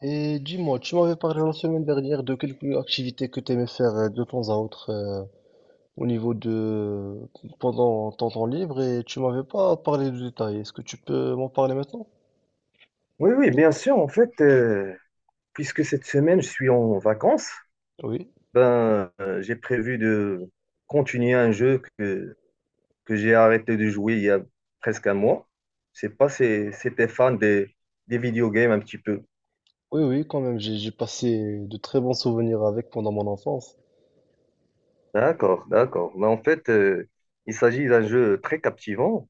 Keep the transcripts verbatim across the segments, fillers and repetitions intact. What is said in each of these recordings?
Et dis-moi, tu m'avais parlé la semaine dernière de quelques activités que tu aimais faire euh, de temps à autre euh, au niveau de pendant ton temps libre et tu m'avais pas parlé de détails. Est-ce que tu peux m'en parler maintenant? Oui, oui, bien sûr. En fait, euh, puisque cette semaine, je suis en vacances, Oui. ben, euh, j'ai prévu de continuer un jeu que, que j'ai arrêté de jouer il y a presque un mois. Je sais pas si c'était fan des, des video games un petit peu. Oui, oui, quand même, j'ai j'ai passé de très bons souvenirs avec pendant mon enfance. D'accord, d'accord. Mais en fait, euh, il s'agit d'un jeu très captivant.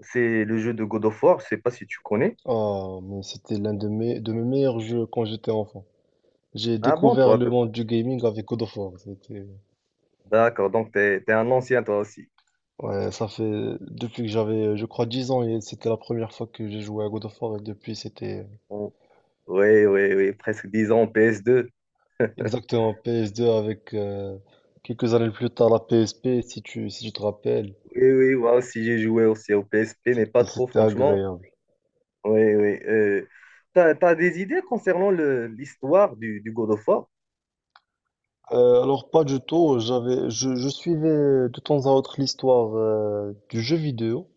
C'est le jeu de God of War. Je sais pas si tu connais. Ah, mais c'était l'un de mes de mes meilleurs jeux quand j'étais enfant. J'ai Ah bon, découvert toi, le t- monde du gaming avec God of War. C'était d'accord. Donc, tu es un ancien, toi aussi. Ouais, ça fait depuis que j'avais, je crois, dix ans et c'était la première fois que j'ai joué à God of War et depuis c'était Bon. Oui, oui, oui. Presque dix ans en p s deux. Exactement, P S deux avec euh, quelques années plus tard la P S P, si tu, si tu te rappelles, Oui, oui, moi aussi j'ai joué aussi au P S P, mais pas c'était, trop c'était franchement. agréable. Oui, oui. Euh, t'as, t'as des idées concernant le, l'histoire du, du God of War? Euh, alors pas du tout, j'avais, je, je suivais de temps à autre l'histoire euh, du jeu vidéo,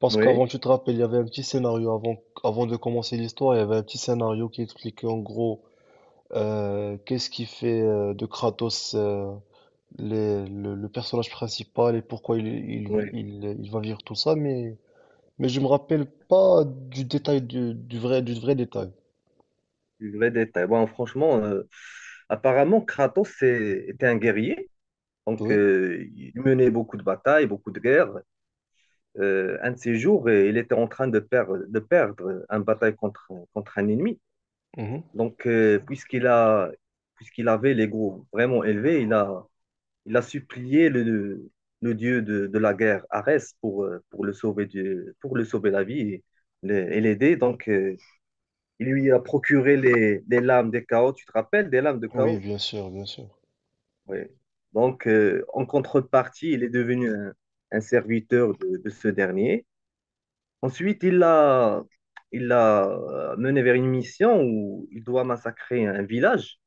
parce qu'avant, Oui, tu te rappelles, il y avait un petit scénario, avant, avant de commencer l'histoire, il y avait un petit scénario qui expliquait en gros euh, qu'est-ce qui fait euh, de Kratos euh, les- le, le personnage principal et pourquoi il, il, oui. il, il va vivre tout ça, mais. Mais je me rappelle pas du détail du, du vrai du vrai détail. Du vrai détail. Bon, franchement, euh, apparemment Kratos c'est- était un guerrier, donc Oui. euh, il menait beaucoup de batailles, beaucoup de guerres. Euh, un de ces jours, euh, il était en train de perdre, de perdre une bataille contre, contre un ennemi. Mhm. Donc, euh, puisqu'il a, puisqu'il avait l'ego vraiment élevé, il a il a supplié le, le dieu de, de la guerre, Arès, pour, euh, pour le sauver du, pour le sauver la vie et le- et l'aider. Donc, euh, il lui a procuré les, les lames des chaos, tu te rappelles, des lames de Oui, chaos? bien sûr, bien sûr. Oui. Donc, euh, en contrepartie, il est devenu un, un serviteur de, de ce dernier. Ensuite, il l'a il l'a euh, mené vers une mission où il doit massacrer un village.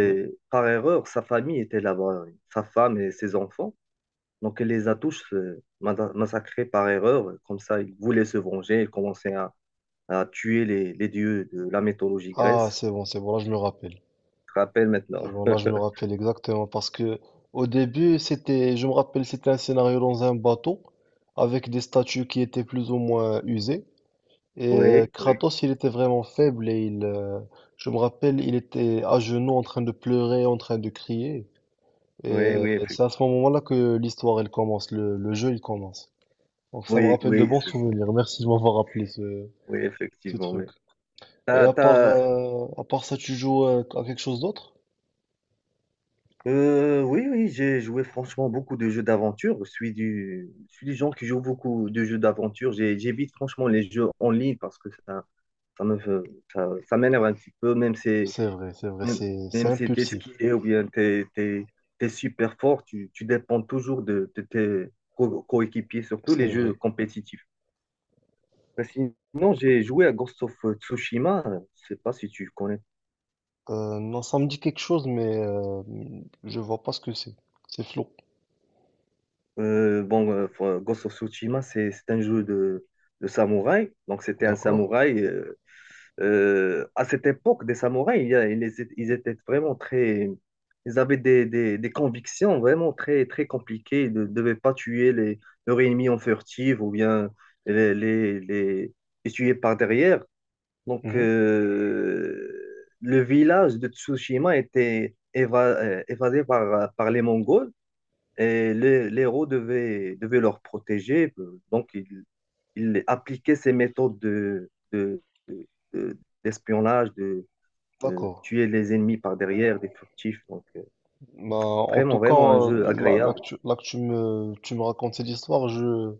Oui. par erreur, sa famille était là-bas, sa femme et ses enfants. Donc, il les a tous euh, mada- massacrés par erreur. Comme ça, il voulait se venger. Il commençait à, à tuer les, les dieux de la mythologie grecque. Ah, c'est bon, c'est bon, là je me rappelle. Je te rappelle C'est maintenant. bon, là je me rappelle exactement parce que au début, c'était je me rappelle, c'était un scénario dans un bateau avec des statues qui étaient plus ou moins usées et euh, Oui, oui, Kratos, il était vraiment faible et il euh, je me rappelle, il était à genoux en train de pleurer, en train de crier et oui, euh, oui, c'est effectivement. à ce moment-là que l'histoire elle commence, le le jeu il commence. Donc ça me Oui, rappelle de oui, bons c'est ça. souvenirs. Merci de m'avoir rappelé ce, Oui, ce effectivement. Oui. truc. Et T'as- à part, t'as- euh, à part ça, tu joues euh, à quelque chose d'autre? euh, oui, oui, j'ai joué franchement beaucoup de jeux d'aventure. Je suis du, je suis des gens qui jouent beaucoup de jeux d'aventure. J'ai- J'évite franchement les jeux en ligne parce que ça, ça me, fait- ça, ça m'énerve un petit peu, même si C'est vrai, c'est vrai, Même c'est, c'est même si tu es impulsif. skillé ou bien tu es super fort, tu, tu dépends toujours de, de tes co- coéquipiers, surtout les C'est jeux vrai. compétitifs. Ben, sinon, j'ai joué à Ghost of Tsushima, euh, je sais pas si tu connais. Euh, non, ça me dit quelque chose, mais euh, je vois pas ce que c'est. C'est flou. Euh, bon, euh, faut- Ghost of Tsushima, c'est c'est un jeu de, de samouraï. Donc, c'était un D'accord? samouraï. Euh, Euh, à cette époque des samouraïs, il y a- ils, étaient ils étaient vraiment très. Ils avaient des, des- des convictions vraiment très, très compliquées. Ils ne devaient pas tuer les, leurs ennemis en furtive ou bien les, les, les- les tuer par derrière. Donc, Mhm. euh, le village de Tsushima était éva- euh, évadé par, par les Mongols et les, les héros devaient, devaient leur protéger. Euh, Donc, ils il appliquait ses méthodes de, de- de- de- d'espionnage, de euh, D'accord. tuer les ennemis par derrière, des furtifs. Donc, euh, Bah, en tout vraiment, cas, vraiment un euh, jeu là, là agréable, que tu, là que tu me, tu me racontes cette histoire. je,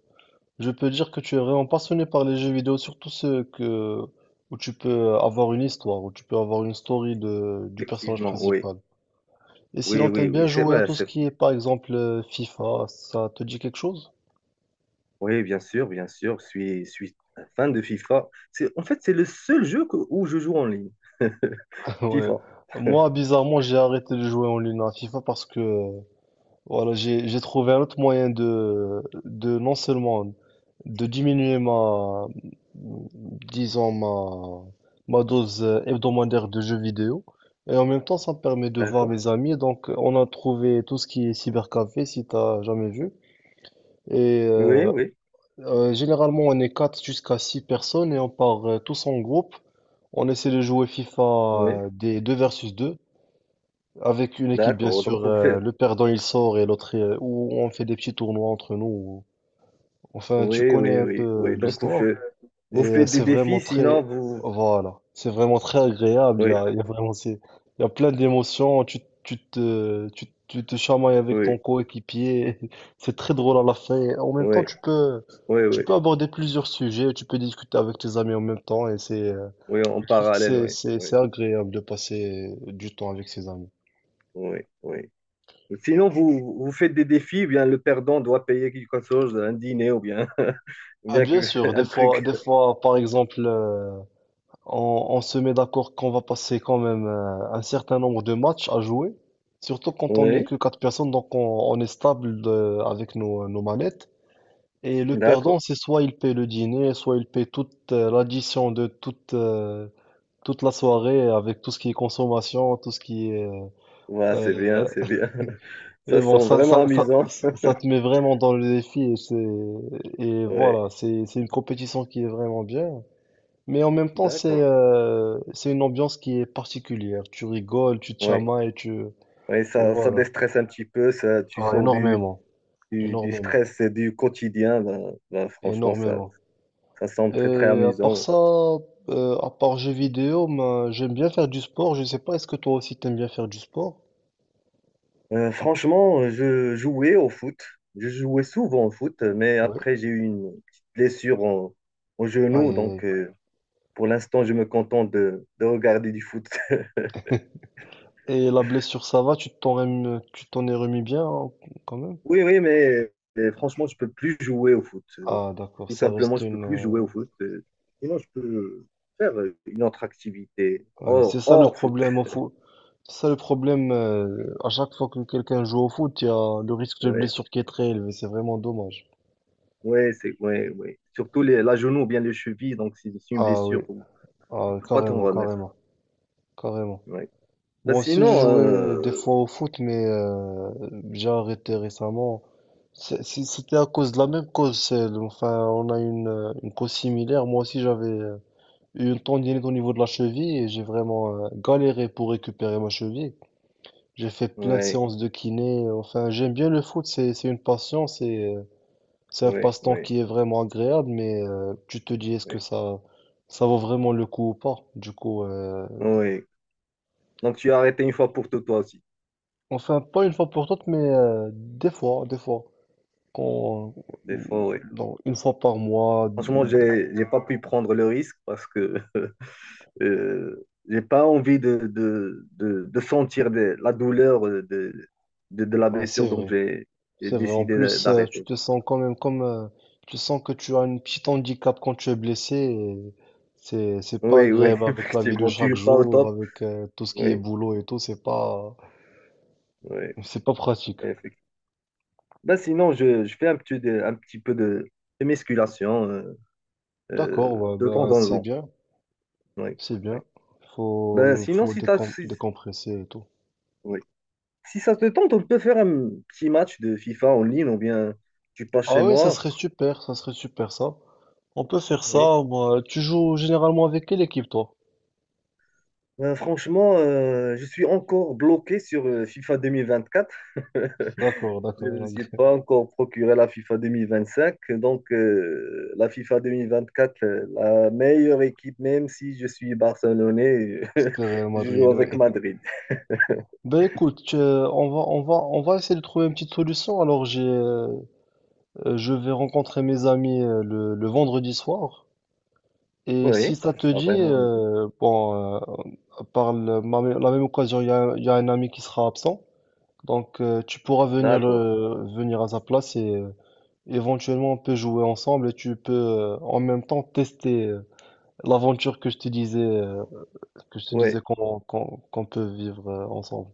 Je peux dire que tu es vraiment passionné par les jeux vidéo, surtout ceux que, où tu peux avoir une histoire, où tu peux avoir une story de, du personnage effectivement, oui. principal. Et Oui, sinon, oui, t'aimes oui, bien c'est jouer à vrai, tout ce c'est- qui est, par exemple, euh, FIFA, ça te dit quelque chose? Oui, bien sûr, bien sûr, je suis, je suis un fan de FIFA. C'est, en fait, c'est le seul jeu que- où je joue en ligne, Ouais. FIFA. Moi, bizarrement, j'ai arrêté de jouer en ligne à FIFA parce que euh, Voilà, j'ai j'ai trouvé un autre moyen de de non seulement de diminuer ma disons ma ma dose hebdomadaire de jeux vidéo et en même temps ça me permet de voir D'accord. mes amis, donc on a trouvé tout ce qui est cybercafé si t'as jamais vu, et Oui, euh, oui, euh, généralement on est quatre jusqu'à six personnes et on part euh, tous en groupe, on essaie de jouer FIFA oui. euh, des deux versus deux. Avec une équipe, bien D'accord. Donc sûr, vous euh, faites. le perdant il sort et l'autre, euh, ou on fait des petits tournois entre nous. ou- Enfin, tu Oui, connais oui, un peu oui, euh, oui. Donc vous l'histoire faites. Vous et euh, faites des c'est vraiment défis, sinon très, vous. voilà, c'est vraiment très agréable. Il y Oui, a, il y a vraiment, c'est- il y a plein d'émotions. Tu, tu te, tu, tu te chamailles avec ton oui, coéquipier. C'est très drôle à la fin. Et en même temps, oui. tu peux, Oui, tu oui, peux aborder plusieurs sujets. Tu peux discuter avec tes amis en même temps, et c'est, euh, oui, en je trouve que parallèle, c'est, oui, c'est, oui, c'est agréable de passer du temps avec ses amis. oui, oui. Sinon, vous, vous faites des défis, ou bien le perdant doit payer quelque chose, un dîner ou bien, ou Ah, bien bien que- sûr, des un fois, truc. des fois, par exemple, euh, on, on se met d'accord qu'on va passer quand même euh, un certain nombre de matchs à jouer, surtout quand on n'est Oui, que quatre personnes, donc on, on est stable de- avec nos, nos manettes. Et le perdant, d'accord. c'est soit il paye le dîner, soit il paye toute euh, l'addition de toute, euh, toute la soirée avec tout ce qui est consommation, tout ce qui est... euh, Ouais, c'est euh, bien, c'est bien. et Ça bon, sent ça, vraiment ça, ça, amusant. ça te met vraiment dans le défi, et c'est, et voilà, Oui, c'est, c'est une compétition qui est vraiment bien. Mais en même temps, c'est d'accord. euh, c'est une ambiance qui est particulière. Tu rigoles, tu te Oui, chamailles, tu... oui, Et ça, ça voilà. déstresse un petit peu, ça, tu Ah, sors du, énormément, du, du énormément, stress et du quotidien. Ben, ben, franchement, ça, énormément. ça semble très, très Et à part amusant. ça, euh, à part jeux vidéo, ben, j'aime bien faire du sport. Je sais pas, est-ce que toi aussi t'aimes bien faire du sport? Euh, franchement, euh, je jouais au foot. Je jouais souvent au foot, mais Ouais. après, j'ai eu une petite blessure au, au Aïe, genou. aïe, aïe. Donc, euh, pour l'instant, je me contente de, de regarder du foot. Et la blessure, ça va? Tu t'en rem- tu t'en es remis bien, hein, quand même? Oui, oui, mais euh, franchement, je peux plus jouer au foot. Euh, Ah, d'accord, Tout ça reste simplement, je peux plus jouer une, au foot. Euh, Sinon, je peux faire euh, une autre activité ouais, c'est hors, ça le hors foot. problème au foot. C'est ça le problème. euh, à chaque fois que quelqu'un joue au foot, il y a le risque de Ouais, blessure qui est très élevé. C'est vraiment dommage. ouais, c'est, ouais, ouais. Surtout les, la genou ou bien les chevilles. Donc, c'est c'est une Ah oui, blessure où tu ah, peux pas t'en carrément, remettre. carrément, carrément. Ouais. Ben, Moi aussi, j'ai sinon, joué des euh, fois au foot, mais euh, j'ai arrêté récemment. C'est- c'est- C'était à cause de la même cause. celle- Enfin, on a une, euh, une cause similaire. Moi aussi, j'avais euh, eu une tendinite au niveau de la cheville et j'ai vraiment euh, galéré pour récupérer ma cheville. J'ai fait plein de ouais. séances de kiné. Enfin, j'aime bien le foot, c'est c'est une passion, c'est euh, c'est un Oui, passe-temps oui, qui est vraiment agréable, mais euh, tu te dis, est-ce que oui, ça ça vaut vraiment le coup ou pas? Du coup, euh, oui. Donc tu as arrêté une fois pour tout toi aussi. enfin pas une fois pour toutes, mais euh, des fois, des fois, quand euh, Des fois, oui. dans- une fois par mois, Franchement, j'ai, j'ai pas pu prendre le risque parce que euh, j'ai pas envie de, de, de, de sentir de- la douleur euh, de, de, de la ouais, blessure, c'est donc vrai. j'ai j'ai C'est vrai, en décidé d'a- plus, euh, tu d'arrêter. te sens quand même comme... euh, tu sens que tu as un petit handicap quand tu es blessé, et C'est, c'est pas Oui, oui, agréable avec la vie de effectivement, tu chaque es pas au jour, top. avec euh, tout ce qui est Oui, boulot et tout. C'est pas, oui, c'est pas pratique. effectivement. Ben, sinon, je, je fais un petit, de- un petit peu de, de musculation euh, D'accord, euh, ouais, de temps bah, en c'est temps. bien, Oui, c'est oui. bien. Ben, Faut, sinon, faut si tu as... décom- décompresser et tout. Si ça te tente, on peut faire un petit match de FIFA en ligne ou bien tu passes Ah chez oui, ça moi. serait super, ça serait super ça. On peut faire Oui. ça, moi. Tu joues généralement avec quelle équipe, toi? Euh, franchement, euh, je suis encore bloqué sur euh, FIFA vingt vingt-quatre. D'accord, Je d'accord. ne me suis donc, pas encore procuré la FIFA vingt vingt-cinq. Donc, euh, la FIFA vingt vingt-quatre, euh, la meilleure équipe, même si je suis barcelonais, C'était Real je joue Madrid, oui. avec Madrid. Ben écoute, euh, on va, on va, on va essayer de trouver une petite solution. Alors j'ai, euh, euh, je vais rencontrer mes amis euh, le, le vendredi soir. Et si Oui, ça ça te sera dit, vraiment. euh, bon, euh, par le- ma- la même occasion, il y a, il y a un ami qui sera absent. Donc euh, tu pourras venir, D'accord. le, venir à sa place, et euh, éventuellement on peut jouer ensemble, et tu peux euh, en même temps tester euh, l'aventure que je te disais, euh, que je te disais Oui, qu'on qu'on qu'on peut vivre euh, ensemble.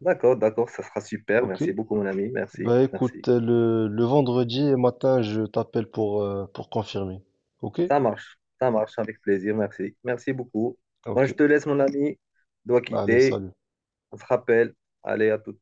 d'accord, d'accord, ça sera super. Ok? Merci beaucoup, mon ami. Merci, Bah merci. écoute, le, le vendredi matin, je t'appelle pour, euh, pour confirmer. Ok? Ça marche, ça marche avec plaisir, merci. Merci beaucoup. Moi, Ok. je te laisse, mon ami. Je dois Allez, quitter. salut. On se rappelle. Allez, à tout.